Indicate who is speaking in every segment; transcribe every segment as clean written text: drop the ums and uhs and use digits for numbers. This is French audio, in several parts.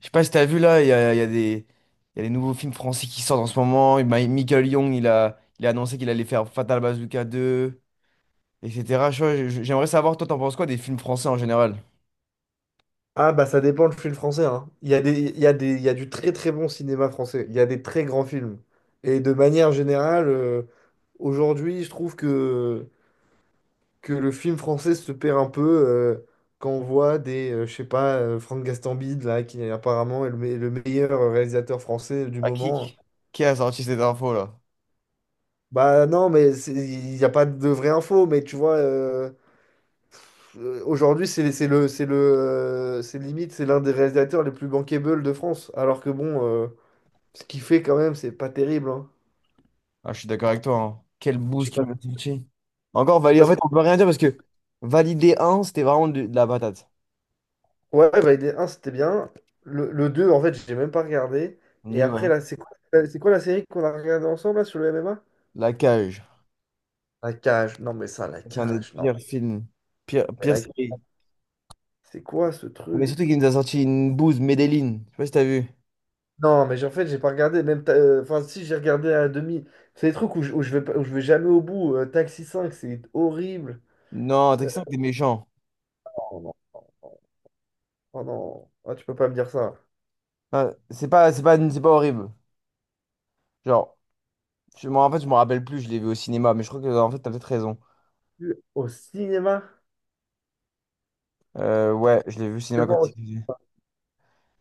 Speaker 1: Je sais pas si t'as vu là, il y a des, il y a des nouveaux films français qui sortent en ce moment. Et Michael Young, il a annoncé qu'il allait faire Fatal Bazooka 2, etc. J'aimerais savoir, toi, t'en penses quoi des films français en général?
Speaker 2: Ah bah ça dépend le film français, hein. Il y a des, il y a des, il y a du très très bon cinéma français. Il y a des très grands films. Et de manière générale, aujourd'hui, je trouve que le film français se perd un peu euh, quand on voit des, je sais pas, Franck Gastambide, là, qui apparemment est le meilleur réalisateur français du
Speaker 1: Ah, qui,
Speaker 2: moment.
Speaker 1: qui a sorti cette info là?
Speaker 2: Bah non, mais il n'y a pas de vraie info, mais tu vois, aujourd'hui, c'est le, c'est le, c'est limite, c'est l'un des réalisateurs les plus bankable de France. Alors que bon. Ce qu'il fait quand même, c'est pas terrible, hein.
Speaker 1: Ah, je suis d'accord avec toi, hein. Quel
Speaker 2: Je sais
Speaker 1: boost qu'il
Speaker 2: pas.
Speaker 1: m'a sorti. Encore
Speaker 2: Je sais
Speaker 1: validé.
Speaker 2: pas
Speaker 1: En
Speaker 2: ce-
Speaker 1: fait, on peut rien dire parce que Validé un, c'était vraiment de la patate.
Speaker 2: Ouais, Validé un c'était bien. Le 2 en fait, j'ai même pas regardé. Et
Speaker 1: Nul,
Speaker 2: après,
Speaker 1: ouais.
Speaker 2: là, c'est quoi la série qu'on a regardée ensemble là, sur le MMA?
Speaker 1: La Cage.
Speaker 2: La cage. Non, mais ça, la
Speaker 1: C'est un des
Speaker 2: cage. Non,
Speaker 1: pires films. Pire,
Speaker 2: mais
Speaker 1: pire série.
Speaker 2: c'est quoi ce
Speaker 1: Mais
Speaker 2: truc?
Speaker 1: surtout qu'il nous a sorti une bouse, Medellin. Je sais pas si t'as vu.
Speaker 2: Non, mais en fait, j'ai pas regardé. Même enfin, si, j'ai regardé à demi. C'est des trucs où je vais, pas- où je vais jamais au bout. Taxi 5, c'est horrible.
Speaker 1: Non, t'es
Speaker 2: Euh,
Speaker 1: que ça, t'es méchant.
Speaker 2: oh non. Oh non. Ah, tu peux pas me dire ça.
Speaker 1: Non, c'est pas horrible. Genre, moi, en fait, je me rappelle plus, je l'ai vu au cinéma, mais je crois que, en fait, t'as peut-être raison.
Speaker 2: Au cinéma?
Speaker 1: Ouais, je l'ai vu au cinéma quand il faisait.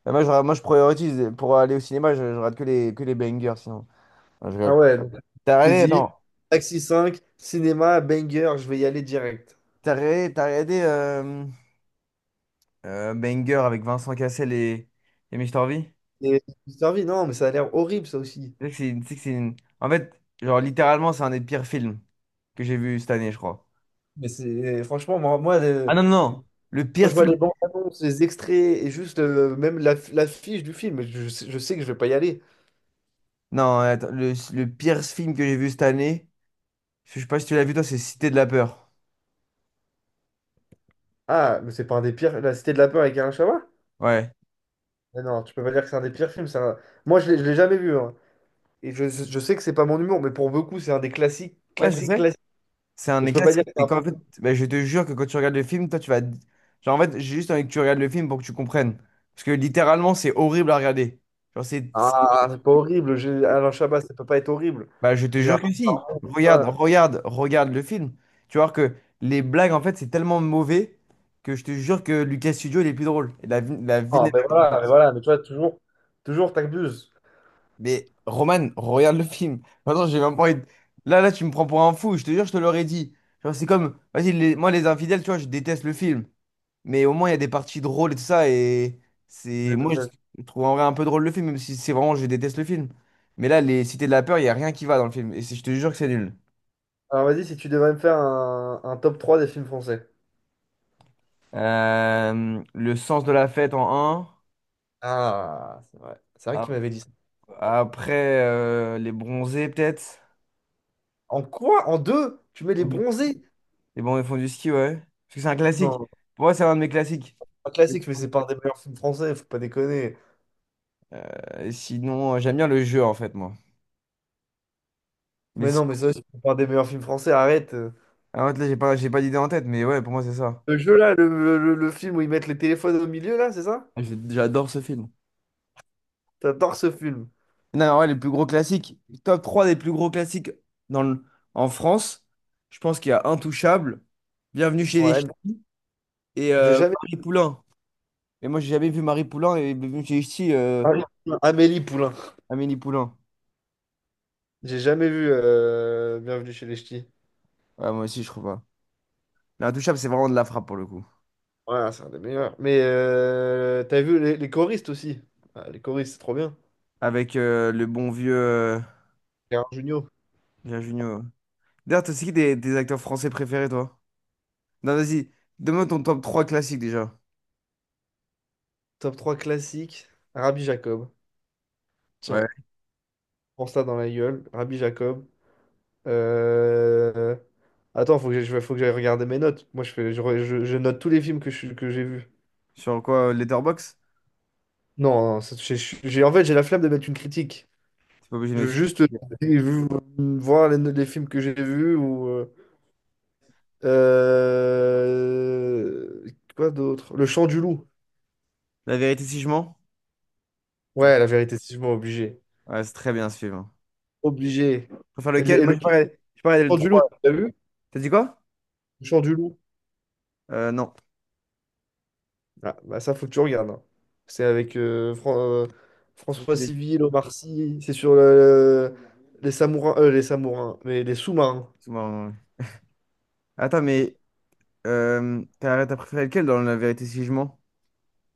Speaker 1: Bah, moi, je priorise, pour aller au cinéma, je rate que les bangers, sinon. Non, je
Speaker 2: Ah
Speaker 1: rigole.
Speaker 2: ouais, donc
Speaker 1: T'as
Speaker 2: j'ai
Speaker 1: regardé,
Speaker 2: dit,
Speaker 1: attends,
Speaker 2: Taxi cinq, cinéma, banger, je vais y aller direct.
Speaker 1: t'as regardé Banger avec Vincent Cassel et Mr. V?
Speaker 2: Et je suis servi, non, mais ça a l'air horrible ça aussi.
Speaker 1: Tu sais que c'est une- En fait, genre, littéralement, c'est un des pires films que j'ai vu cette année, je crois.
Speaker 2: Mais c'est franchement,
Speaker 1: Ah non, non, non, le
Speaker 2: quand
Speaker 1: pire
Speaker 2: je vois
Speaker 1: film.
Speaker 2: les bandes annonces, les extraits et juste même la, la fiche du film, je sais que je vais pas y aller.
Speaker 1: Non, attends, le pire film que j'ai vu cette année. Je sais pas si tu l'as vu, toi, c'est Cité de la peur.
Speaker 2: Ah, mais c'est pas un des pires. La Cité de la Peur avec Alain Chabat?
Speaker 1: Ouais.
Speaker 2: Mais non, tu peux pas dire que c'est un des pires films. Moi, je l'ai jamais vu, hein. Et je sais que c'est pas mon humour, mais pour beaucoup, c'est un des classiques,
Speaker 1: Ouais, je
Speaker 2: classiques,
Speaker 1: sais.
Speaker 2: classiques.
Speaker 1: C'est un
Speaker 2: Mais
Speaker 1: des
Speaker 2: tu peux pas dire
Speaker 1: classiques.
Speaker 2: que c'est
Speaker 1: Et
Speaker 2: un.
Speaker 1: qu'en fait, bah, je te jure que quand tu regardes le film, toi, tu vas. Genre, en fait, j'ai juste envie que tu regardes le film pour que tu comprennes. Parce que littéralement, c'est horrible à regarder. Genre, c'est.
Speaker 2: Ah,
Speaker 1: c'est-
Speaker 2: c'est pas horrible. Alain Chabat, ça peut pas être horrible.
Speaker 1: Bah, je te jure que
Speaker 2: Gérard
Speaker 1: si.
Speaker 2: Darmon, tout
Speaker 1: Regarde,
Speaker 2: ça.
Speaker 1: regarde, regarde le film. Tu vas voir que les blagues, en fait, c'est tellement mauvais que je te jure que Lucas Studio, il est plus drôle. Et la
Speaker 2: Non,
Speaker 1: vignette.
Speaker 2: mais voilà, mais voilà, mais tu vois, toujours, toujours t'abuses.
Speaker 1: Mais Roman, regarde le film. Maintenant, j'ai même pas envie de- là, là, tu me prends pour un fou, je te jure, je te l'aurais dit. Genre, c'est comme, vas-y, moi, les infidèles, tu vois, je déteste le film. Mais au moins, il y a des parties drôles et tout ça. Et c'est. Moi, je trouve en vrai un peu drôle le film, même si c'est vraiment, je déteste le film. Mais là, les Cités de la peur, il y a rien qui va dans le film. Et je te jure que c'est nul.
Speaker 2: Alors vas-y, si tu devrais me faire un top 3 des films français.
Speaker 1: Le sens de la fête en 1.
Speaker 2: Ah, c'est vrai. C'est vrai qu'il m'avait dit ça.
Speaker 1: Après, les bronzés, peut-être.
Speaker 2: En quoi? En deux? Tu mets les bronzés?
Speaker 1: Les bons ils font du ski, ouais. Parce que c'est un classique.
Speaker 2: Non,
Speaker 1: Pour moi, c'est un de mes classiques.
Speaker 2: pas classique, mais c'est pas un des meilleurs films français, faut pas déconner.
Speaker 1: Sinon, j'aime bien le jeu, en fait, moi. Mais
Speaker 2: Mais
Speaker 1: si.
Speaker 2: non, mais ça, c'est pas un des meilleurs films français, arrête.
Speaker 1: Ah, en fait, là, j'ai pas d'idée en tête, mais ouais, pour moi, c'est ça.
Speaker 2: Le jeu là, le film où ils mettent les téléphones au milieu là, c'est ça?
Speaker 1: J'adore ce film.
Speaker 2: T'adores ce film.
Speaker 1: Non, mais ouais, les plus gros classiques. Top 3 des plus gros classiques dans le- en France. Je pense qu'il y a Intouchable, Bienvenue chez les
Speaker 2: Ouais, non,
Speaker 1: Ch'tis et
Speaker 2: je l'ai jamais.
Speaker 1: Marie Poulain. Mais moi, j'ai jamais vu Marie Poulain et Bienvenue chez les Ch'tis,
Speaker 2: Amélie Poulain. Amélie Poulain.
Speaker 1: Amélie Poulain.
Speaker 2: J'ai jamais vu Bienvenue chez les Ch'tis.
Speaker 1: Ouais, moi aussi, je trouve pas. Mais Intouchable, c'est vraiment de la frappe pour le coup.
Speaker 2: Ouais, c'est un des meilleurs. Mais t'as vu les choristes aussi. Ah, les choristes, c'est trop bien.
Speaker 1: Avec le bon vieux,
Speaker 2: Gérard Jugnot.
Speaker 1: Gérard Jugnot. D'ailleurs, t'as c'est qui des acteurs français préférés, toi? Non, vas-y, donne-moi ton top 3 classique déjà.
Speaker 2: Top trois classique. Rabbi Jacob.
Speaker 1: Ouais.
Speaker 2: Tiens, prends ça dans la gueule. Rabbi Jacob. Euh, Attends, faut que j'aille regarder mes notes. Moi, je fais, je, re- je note tous les films que j'ai vus.
Speaker 1: Sur quoi? Letterbox.
Speaker 2: Non, non, j'ai- en fait, j'ai la flemme de mettre une critique.
Speaker 1: T'es pas obligé de
Speaker 2: Je veux
Speaker 1: suivre.
Speaker 2: juste voir les films que j'ai vus ou. Euh, Quoi d'autre? Le chant du loup.
Speaker 1: La vérité si je mens? Non.
Speaker 2: Ouais, la vérité, c'est sûrement obligé.
Speaker 1: Ouais, c'est très bien ce film, hein.
Speaker 2: Obligé.
Speaker 1: Tu préfères lequel?
Speaker 2: Et
Speaker 1: Moi,
Speaker 2: le
Speaker 1: je parlais le
Speaker 2: chant du loup,
Speaker 1: 3.
Speaker 2: tu as vu?
Speaker 1: T'as dit quoi?
Speaker 2: Le chant du loup.
Speaker 1: Non.
Speaker 2: Ah, bah ça, faut que tu regardes, hein. C'est avec
Speaker 1: Ça,
Speaker 2: François
Speaker 1: c'est-
Speaker 2: Civil, Omar Sy. Les samourins. Les samourins. Mais les sous-marins.
Speaker 1: c'est marrant, ouais. Attends, mais t'as préféré lequel dans La vérité si je mens?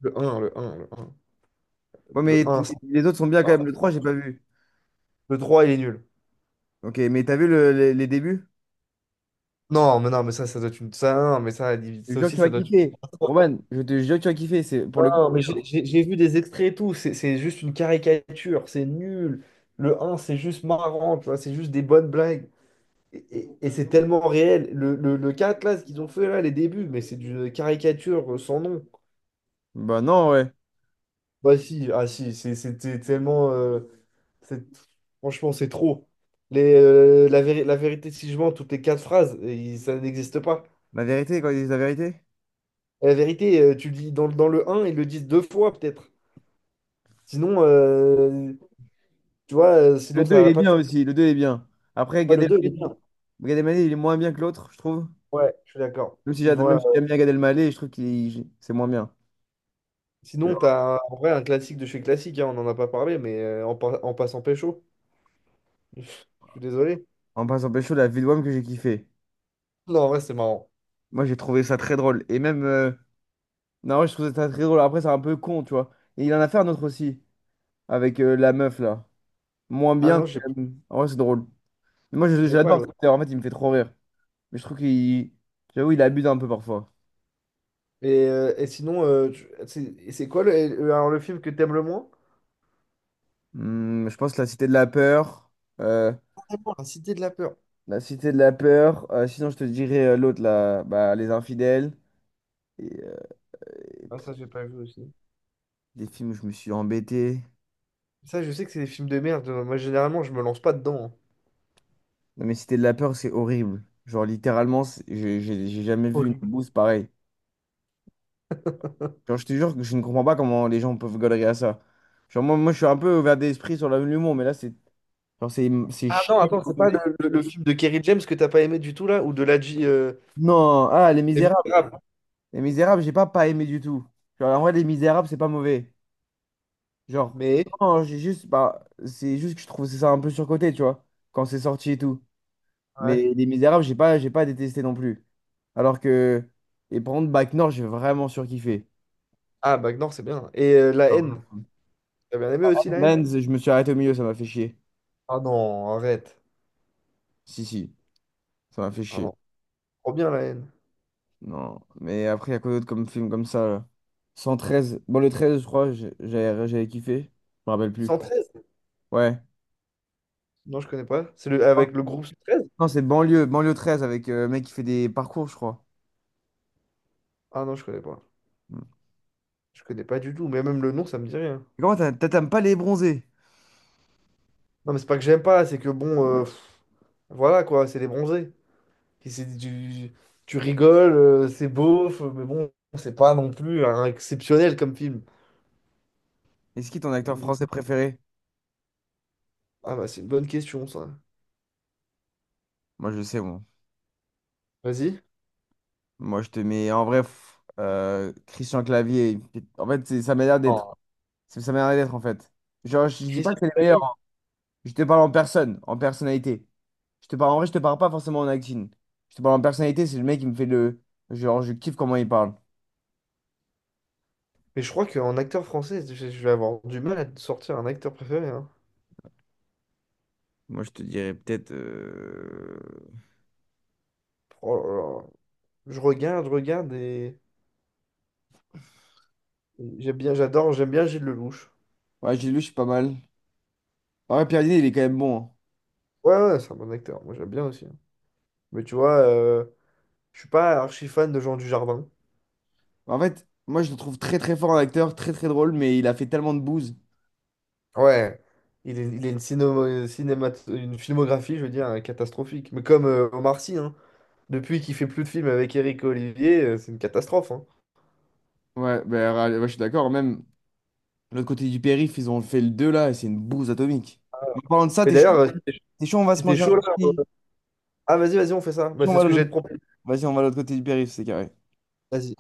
Speaker 2: Le un.
Speaker 1: Ouais,
Speaker 2: Le
Speaker 1: mais
Speaker 2: un c'est-
Speaker 1: les autres sont bien quand même. Le 3, j'ai pas vu.
Speaker 2: Le 3, il est nul.
Speaker 1: Ok, mais t'as vu les débuts?
Speaker 2: Non, mais non, mais ça doit être une. Ça, non, mais ça,
Speaker 1: Je
Speaker 2: ça
Speaker 1: jure que
Speaker 2: aussi,
Speaker 1: tu vas
Speaker 2: ça doit être.
Speaker 1: kiffer. Roman, je te jure que tu vas kiffer. C'est, pour
Speaker 2: Ah
Speaker 1: le coup.
Speaker 2: non, mais j'ai vu des extraits et tout, c'est juste une caricature, c'est nul. Le un c'est juste marrant, tu vois, c'est juste des bonnes blagues. Et, et c'est tellement réel. Le 4 là, ce qu'ils ont fait, là, les débuts, mais c'est une caricature sans nom.
Speaker 1: Bah non, ouais.
Speaker 2: Bah si, ah si, c'était tellement... c'est- franchement, c'est trop. La vérité, si je mens, toutes les quatre phrases, ça n'existe pas.
Speaker 1: La vérité, quand ils disent la vérité?
Speaker 2: La vérité, tu le dis dans, dans le un ils le disent deux fois, peut-être. Sinon, tu vois,
Speaker 1: Le
Speaker 2: sinon
Speaker 1: 2
Speaker 2: ça
Speaker 1: il
Speaker 2: n'a
Speaker 1: est, ouais,
Speaker 2: pas de.
Speaker 1: bien aussi. Le 2 est bien. Après,
Speaker 2: Ouais,
Speaker 1: Gad,
Speaker 2: le
Speaker 1: ouais,
Speaker 2: 2 il est bien.
Speaker 1: Elmaleh, Gad Elmaleh, il est moins bien que l'autre, je trouve.
Speaker 2: Ouais, je suis d'accord.
Speaker 1: Même si même si j'aime bien Gad Elmaleh, je trouve qu'il c'est moins bien.
Speaker 2: Sinon, en vrai un classique de chez classique, hein, on en a pas parlé, mais en passant pécho. Je suis désolé.
Speaker 1: En passant pécho, la vie de Wham que j'ai kiffé.
Speaker 2: Non, en vrai, c'est marrant.
Speaker 1: Moi, j'ai trouvé ça très drôle. Et même. Non, ouais, je trouve ça très drôle. Après, c'est un peu con, tu vois. Et il en a fait un autre aussi. Avec la meuf, là. Moins
Speaker 2: Ah
Speaker 1: bien, mais
Speaker 2: non, je ne
Speaker 1: quand même. En vrai, c'est drôle. Mais moi,
Speaker 2: connais pas
Speaker 1: j'adore cet
Speaker 2: l'autre.
Speaker 1: acteur. En fait, il me fait trop rire. Mais je trouve qu'il. J'avoue, il abuse un peu parfois.
Speaker 2: Et sinon, c'est quoi le, alors, le film que t'aimes le moins?
Speaker 1: Hmm, je pense que La Cité de la Peur. euh,
Speaker 2: Vraiment, La Cité de la Peur.
Speaker 1: La Cité de la Peur. Sinon, je te dirais l'autre, là, bah, Les Infidèles. Et, euh, et
Speaker 2: Ah,
Speaker 1: pff,
Speaker 2: ça, j'ai pas vu aussi.
Speaker 1: des films où je me suis embêté.
Speaker 2: Ça, je sais que c'est des films de merde. Moi, généralement, je me lance pas dedans, hein.
Speaker 1: Non, mais Cité de la Peur, c'est horrible. Genre, littéralement, j'ai jamais vu une
Speaker 2: Horrible.
Speaker 1: bouse pareille. Genre, je te jure que je ne comprends pas comment les gens peuvent galérer à ça. Genre, moi je suis un peu ouvert d'esprit sur l'humour, mais là, c'est genre, c'est
Speaker 2: Ah non,
Speaker 1: chiant.
Speaker 2: attends, c'est pas le film de Kerry James que t'as pas aimé du tout, là? Ou de la
Speaker 1: Non, ah, Les
Speaker 2: Les
Speaker 1: Misérables.
Speaker 2: Misérables.
Speaker 1: Les Misérables, j'ai pas aimé du tout. Genre, en vrai, Les Misérables, c'est pas mauvais. Genre,
Speaker 2: Mais...
Speaker 1: non, j'ai juste, bah, c'est juste que je trouve ça un peu surcoté, tu vois, quand c'est sorti et tout.
Speaker 2: Ouais.
Speaker 1: Mais Les Misérables, j'ai pas détesté non plus. Alors que, et par contre, Bac Nord, j'ai vraiment surkiffé.
Speaker 2: Ah, Bagnor, c'est bien. Et La Haine.
Speaker 1: Ah,
Speaker 2: T'as bien aimé aussi La Haine?
Speaker 1: Mans, je me suis arrêté au milieu, ça m'a fait chier.
Speaker 2: Ah non, arrête.
Speaker 1: Si, si, ça m'a fait
Speaker 2: Ah
Speaker 1: chier.
Speaker 2: non, trop bien La Haine.
Speaker 1: Non, mais après, il y a quoi d'autre comme film comme ça? Là, cent treize, bon, le 13 je crois, j'avais kiffé, je me rappelle plus.
Speaker 2: 113.
Speaker 1: Ouais.
Speaker 2: Non, je connais pas. C'est le...
Speaker 1: Ouais.
Speaker 2: avec le groupe cent treize.
Speaker 1: Non, c'est banlieue, 13 avec le mec qui fait des parcours, je crois.
Speaker 2: Ah non, je connais pas.
Speaker 1: Mm.
Speaker 2: Je connais pas du tout. Mais même le nom, ça me dit rien.
Speaker 1: Et comment t'aimes pas les bronzés?
Speaker 2: Non, mais c'est pas que j'aime pas, c'est que bon, voilà quoi, c'est les bronzés. Et c'est du... Tu rigoles, c'est beauf, mais bon, c'est pas non plus un exceptionnel comme film.
Speaker 1: Est-ce qui est ton acteur français préféré?
Speaker 2: Ah bah, c'est une bonne question, ça.
Speaker 1: Moi, je sais, moi.
Speaker 2: Vas-y.
Speaker 1: Moi, je te mets en vrai Christian Clavier. En fait, c'est sa manière d'être.
Speaker 2: Oh,
Speaker 1: C'est sa manière d'être, en fait. Genre, je dis pas
Speaker 2: Christian.
Speaker 1: que c'est les meilleurs, hein. Je te parle en personne, en personnalité. Je te parle en vrai, je te parle pas forcément en acting. Je te parle en personnalité, c'est le mec qui me fait le. Genre, je kiffe comment il parle.
Speaker 2: Mais je crois qu'en acteur français, je vais avoir du mal à te sortir un acteur préféré, hein.
Speaker 1: Moi, je te dirais peut-être.
Speaker 2: Oh là là. Je regarde et j'aime bien, j'adore, j'aime bien Gilles Lelouch.
Speaker 1: Ouais, j'ai lu, je suis pas mal. En vrai, Pierre Niney, il est quand même bon, hein.
Speaker 2: Ouais, ouais, c'est un bon acteur. Moi, j'aime bien aussi, hein. Mais tu vois, je suis pas archi fan de Jean Dujardin.
Speaker 1: En fait, moi, je le trouve très très fort en acteur, très très drôle, mais il a fait tellement de bouse.
Speaker 2: Ouais. Il est, il a une, cinéma, cinémato- une filmographie, je veux dire, catastrophique. Mais comme Omar Sy, hein. Depuis qu'il fait plus de films avec Eric Olivier, c'est une catastrophe, hein.
Speaker 1: Ouais, bah, ouais, je suis d'accord, même. L'autre côté du périph', ils ont fait le 2 là, et c'est une bouse atomique. En parlant de ça,
Speaker 2: Mais
Speaker 1: t'es chaud?
Speaker 2: d'ailleurs,
Speaker 1: T'es chaud, on va se
Speaker 2: c'était
Speaker 1: manger un
Speaker 2: chaud là.
Speaker 1: petit.
Speaker 2: Ah, vas-y, vas-y, on fait ça.
Speaker 1: T'es
Speaker 2: Bah,
Speaker 1: chaud, on
Speaker 2: c'est
Speaker 1: va
Speaker 2: ce
Speaker 1: de
Speaker 2: que j'allais
Speaker 1: l'autre-
Speaker 2: te proposer.
Speaker 1: Vas-y, on va de l'autre côté du périph', c'est carré.
Speaker 2: Vas-y.